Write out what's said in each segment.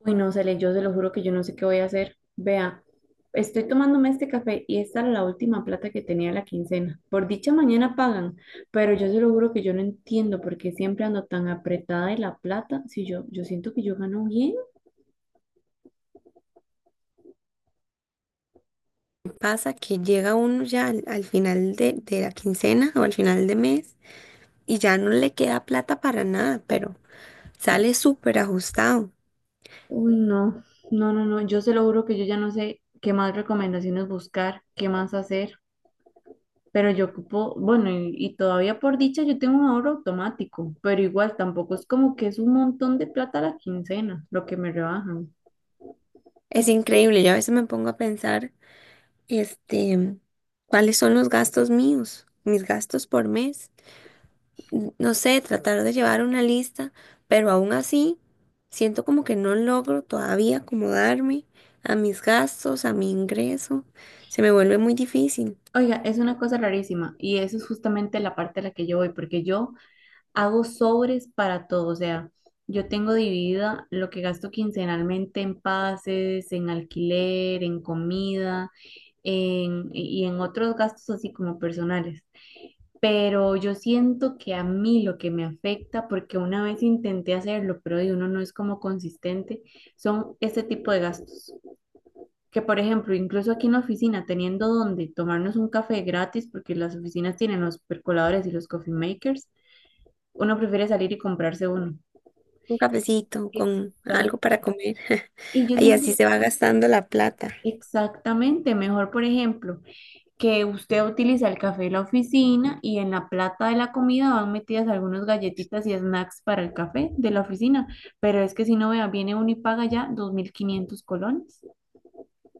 Uy, no, Cele, yo se lo juro que yo no sé qué voy a hacer. Vea, estoy tomándome este café y esta era la última plata que tenía de la quincena. Por dicha mañana pagan, pero yo se lo juro que yo no entiendo por qué siempre ando tan apretada de la plata si yo siento que yo gano bien. Pasa que llega uno ya al final de la quincena o al final de mes, y ya no le queda plata para nada, pero sale súper ajustado. Uy, no, no, no, no, yo se lo juro que yo ya no sé qué más recomendaciones buscar, qué más hacer, pero yo ocupo, bueno, y todavía por dicha yo tengo un ahorro automático, pero igual tampoco es como que es un montón de plata a la quincena, lo que me rebajan. Es increíble, yo a veces me pongo a pensar, este, cuáles son los gastos míos, mis gastos por mes. No sé, tratar de llevar una lista, pero aún así siento como que no logro todavía acomodarme a mis gastos, a mi ingreso. Se me vuelve muy difícil. Oiga, es una cosa rarísima y eso es justamente la parte a la que yo voy, porque yo hago sobres para todo, o sea, yo tengo dividida lo que gasto quincenalmente en pases, en alquiler, en comida, y en otros gastos así como personales. Pero yo siento que a mí lo que me afecta, porque una vez intenté hacerlo, pero de uno no es como consistente, son este tipo de gastos que por ejemplo, incluso aquí en la oficina, teniendo donde tomarnos un café gratis, porque las oficinas tienen los percoladores y los coffee makers, uno prefiere salir y comprarse uno. Un cafecito con algo Exacto. para comer. Y yo Y siento así se va gastando la plata. exactamente mejor, por ejemplo, que usted utiliza el café de la oficina y en la plata de la comida van metidas algunas galletitas y snacks para el café de la oficina. Pero es que si no vea, viene uno y paga ya 2500 colones.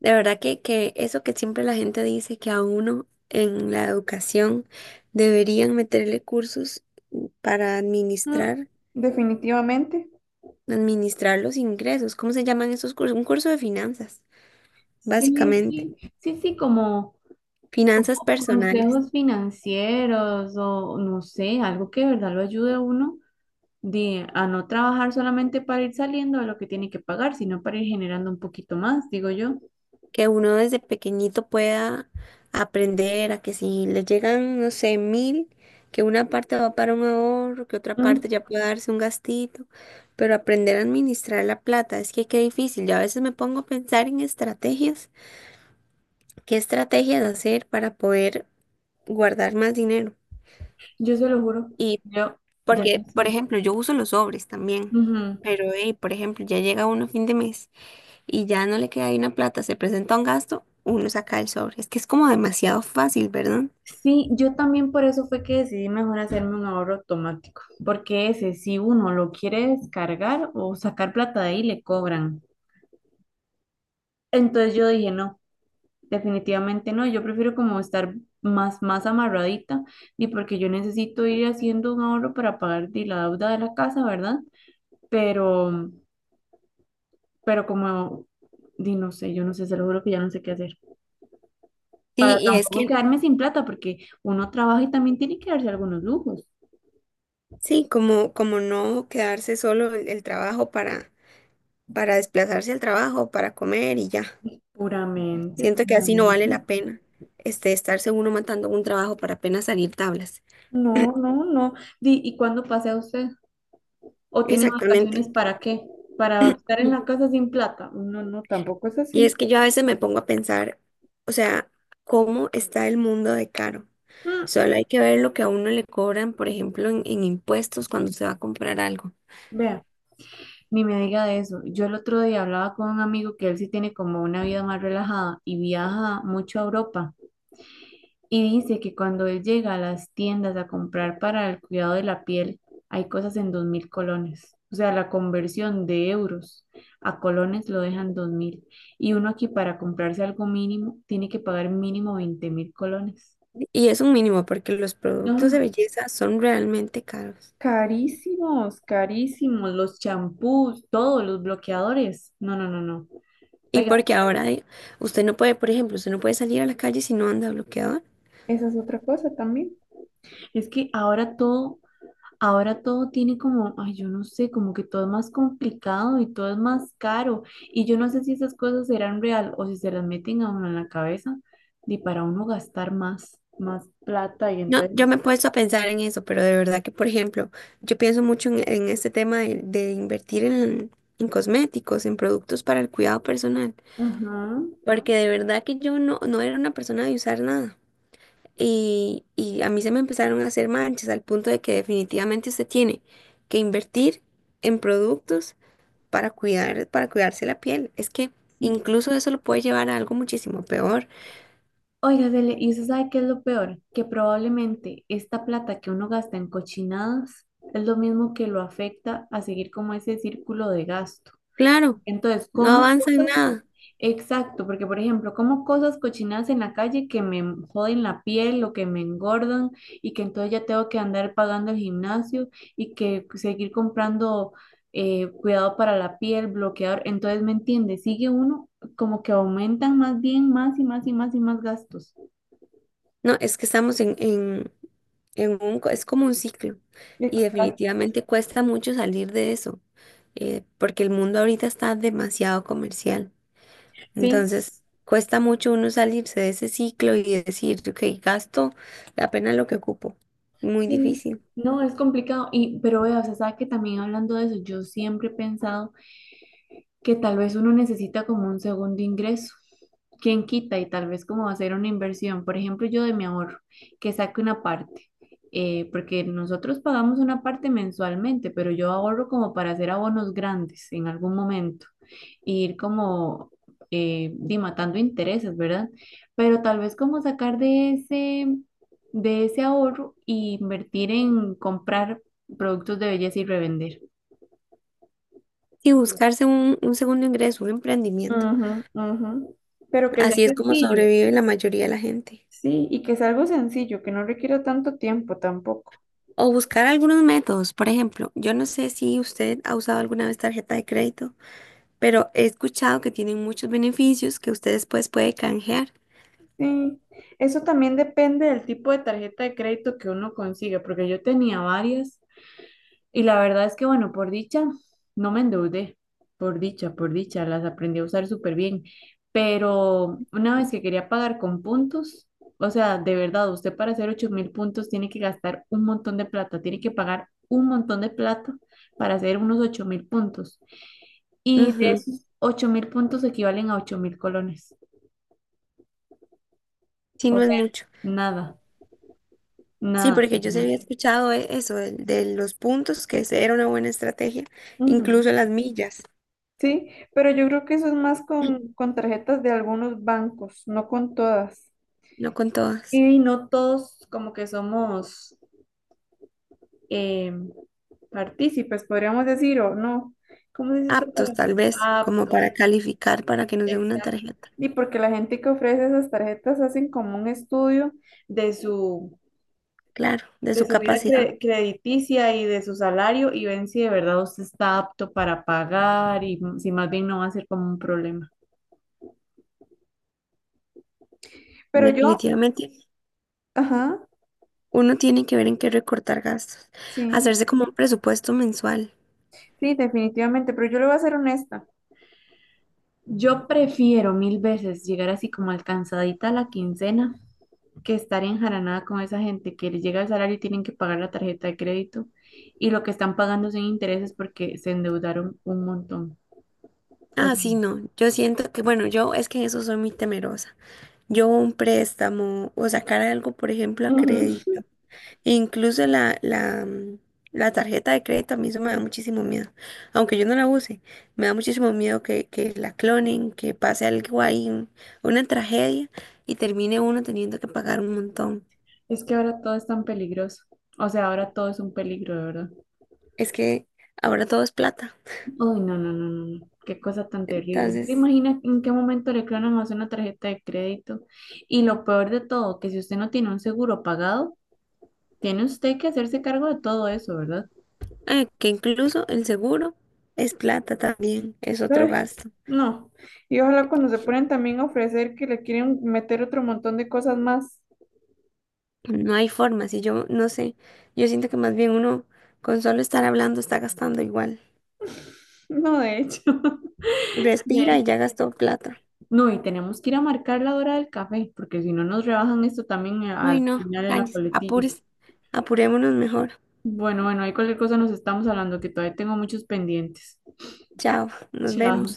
De verdad que, eso que siempre la gente dice que a uno en la educación deberían meterle cursos para Mm, administrar, definitivamente. administrar los ingresos. ¿Cómo se llaman esos cursos? Un curso de finanzas, Sí, básicamente. sí, sí, sí, como, como Finanzas personales. consejos financieros o no sé, algo que de verdad lo ayude a uno de a no trabajar solamente para ir saliendo de lo que tiene que pagar, sino para ir generando un poquito más, digo yo. Que uno desde pequeñito pueda aprender a que si le llegan, no sé, 1000, que una parte va para un ahorro, que otra Mm, parte ya pueda darse un gastito, pero aprender a administrar la plata, es que qué difícil. Yo a veces me pongo a pensar en estrategias, qué estrategias hacer para poder guardar más dinero. yo se lo juro, Y yo ya no porque, por sé. ejemplo, yo uso los sobres también, Ujú. pero, hey, por ejemplo, ya llega uno a fin de mes, y ya no le queda ahí una plata, se presenta un gasto, uno saca el sobre. Es que es como demasiado fácil, ¿verdad? Sí, yo también por eso fue que decidí mejor hacerme un ahorro automático, porque ese si uno lo quiere descargar o sacar plata de ahí le cobran. Entonces yo dije, no, definitivamente no, yo prefiero como estar más amarradita y porque yo necesito ir haciendo un ahorro para pagar di, la deuda de la casa, ¿verdad? Pero pero como, di, no sé, yo no sé, se lo juro que ya no sé qué hacer. Sí, Para tampoco quedarme sin plata, porque uno trabaja y también tiene que darse algunos lujos. sí, como, como no quedarse solo el trabajo para desplazarse al trabajo, para comer y ya. Puramente, Siento que así no vale puramente. la pena, estarse uno matando un trabajo para apenas salir tablas. No, no, no. Di, ¿y cuándo pasea usted? ¿O tiene vacaciones Exactamente. para qué? ¿Para estar en la casa sin plata? No, no, tampoco es Y es así. que yo a veces me pongo a pensar, o sea, ¿cómo está el mundo de caro? Mm, Solo hay que ver lo que a uno le cobran, por ejemplo, en impuestos cuando se va a comprar algo. Vea, ni me diga de eso. Yo el otro día hablaba con un amigo que él sí tiene como una vida más relajada y viaja mucho a Europa. Y dice que cuando él llega a las tiendas a comprar para el cuidado de la piel, hay cosas en 2000 colones. O sea, la conversión de euros a colones lo dejan 2000. Y uno aquí para comprarse algo mínimo tiene que pagar mínimo 20,000 colones. Y es un mínimo porque los productos No, de belleza son realmente caros. carísimos, carísimos. Los champús, todos los bloqueadores. No, no, no, no. Y Oiga, porque ahora usted no puede, por ejemplo, usted no puede salir a la calle si no anda bloqueador. esa es otra cosa también. Es que ahora todo Ahora todo tiene como, ay, yo no sé, como que todo es más complicado y todo es más caro. Y yo no sé si esas cosas serán real o si se las meten a uno en la cabeza y para uno gastar más, plata y No, entonces yo me he así. puesto a pensar en eso, pero de verdad que, por ejemplo, yo pienso mucho en este tema de invertir en cosméticos, en productos para el cuidado personal, Ajá, porque de verdad que yo no, no era una persona de usar nada. Y a mí se me empezaron a hacer manchas al punto de que definitivamente usted tiene que invertir en productos para cuidar, para cuidarse la piel. Es que sí. incluso eso lo puede llevar a algo muchísimo peor. Oiga, Cele, ¿y usted sabe qué es lo peor? Que probablemente esta plata que uno gasta en cochinadas es lo mismo que lo afecta a seguir como ese círculo de gasto. Claro, Entonces, no como avanza en cosas nada. exacto, porque por ejemplo, como cosas cochinadas en la calle que me joden la piel o que me engordan y que entonces ya tengo que andar pagando el gimnasio y que seguir comprando cuidado para la piel, bloqueador, entonces me entiende, sigue uno como que aumentan más bien más y más y más y más gastos. No, es que estamos en un, es como un ciclo y Exacto. definitivamente cuesta mucho salir de eso, porque el mundo ahorita está demasiado comercial. Sí, Entonces, cuesta mucho uno salirse de ese ciclo y decir, ok, gasto apenas lo que ocupo. Muy sí, no, difícil. no, es complicado. Pero vea, o sea, sabe que también hablando de eso, yo siempre he pensado que tal vez uno necesita como un segundo ingreso. ¿Quién quita? Y tal vez como hacer una inversión. Por ejemplo, yo de mi ahorro, que saque una parte, porque nosotros pagamos una parte mensualmente, pero yo ahorro como para hacer abonos grandes en algún momento, e ir como di, matando intereses, ¿verdad? Pero tal vez como sacar de ese, ahorro e invertir en comprar productos de belleza y revender. Y buscarse un segundo ingreso, un emprendimiento. Ujú, ujú. Pero que sea Así es como sencillo. sobrevive la mayoría de la gente. Sí, y que es algo sencillo, que no requiera tanto tiempo tampoco. O buscar algunos métodos. Por ejemplo, yo no sé si usted ha usado alguna vez tarjeta de crédito, pero he escuchado que tienen muchos beneficios que usted después puede canjear. Sí, eso también depende del tipo de tarjeta de crédito que uno consiga, porque yo tenía varias. Y la verdad es que, bueno, por dicha, no me endeudé, por dicha, las aprendí a usar súper bien, pero una vez que quería pagar con puntos, o sea, de verdad, usted para hacer 8000 puntos tiene que gastar un montón de plata, tiene que pagar un montón de plata para hacer unos 8000 puntos. Y de Ujú. esos 8000 puntos equivalen a 8000 colones, Si o no es sea, mucho. nada, Sí, nada. porque yo sí Nada. había escuchado eso, el de los puntos, que ese era una buena estrategia, Ujú. incluso las millas, Sí, pero yo creo que eso es más con, tarjetas de algunos bancos, no con todas. no con todas. Y no todos como que somos eh, partícipes, podríamos decir, o no. ¿Cómo se dice esta Aptos, tal palabra? vez, como Aptos. para calificar, para que nos dé una Exacto. tarjeta. Y porque la gente que ofrece esas tarjetas hacen como un estudio de su, Claro, de De su su vida capacidad. Crediticia y de su salario y ven si de verdad usted está apto para pagar y si más bien no va a ser como un problema. Pero yo, Definitivamente, ajá, uno tiene que ver en qué recortar gastos, sí. hacerse como un presupuesto mensual. Sí, definitivamente, pero yo le voy a ser honesta. Yo prefiero mil veces llegar así como alcanzadita a la quincena que estar enjaranada con esa gente que les llega el salario y tienen que pagar la tarjeta de crédito y lo que están pagando son intereses porque se endeudaron un montón. O Ah, sea, sí, no, yo siento que, bueno, yo es que en eso soy muy temerosa. Yo un préstamo o sacar algo, por ejemplo, a ujú, crédito. Incluso la tarjeta de crédito a mí eso me da muchísimo miedo. Aunque yo no la use, me da muchísimo miedo que la clonen, que pase algo ahí, una tragedia y termine uno teniendo que pagar un montón. es que ahora todo es tan peligroso. O sea, ahora todo es un peligro, de verdad. Es que ahora todo es plata. Uy, no, no, no, no, no. Qué cosa tan terrible. ¿Se Entonces, imagina en qué momento le clonan a usted una tarjeta de crédito? Y lo peor de todo, que si usted no tiene un seguro pagado, tiene usted que hacerse cargo de todo eso, ¿verdad? Que incluso el seguro es plata también, es otro Ay, gasto. no. Y ojalá cuando se ponen también a ofrecer que le quieren meter otro montón de cosas más. No hay forma, si yo no sé, yo siento que más bien uno con solo estar hablando está gastando igual. No, de hecho. Respira y De- ya gastó plata. No, y tenemos que ir a marcar la hora del café, porque si no nos rebajan esto también Ay, al no, final en la Cáñez, coletilla. apures, apurémonos mejor. Bueno, bueno, ahí cualquier cosa nos estamos hablando, que todavía tengo muchos pendientes. Chao, nos vemos. Chao.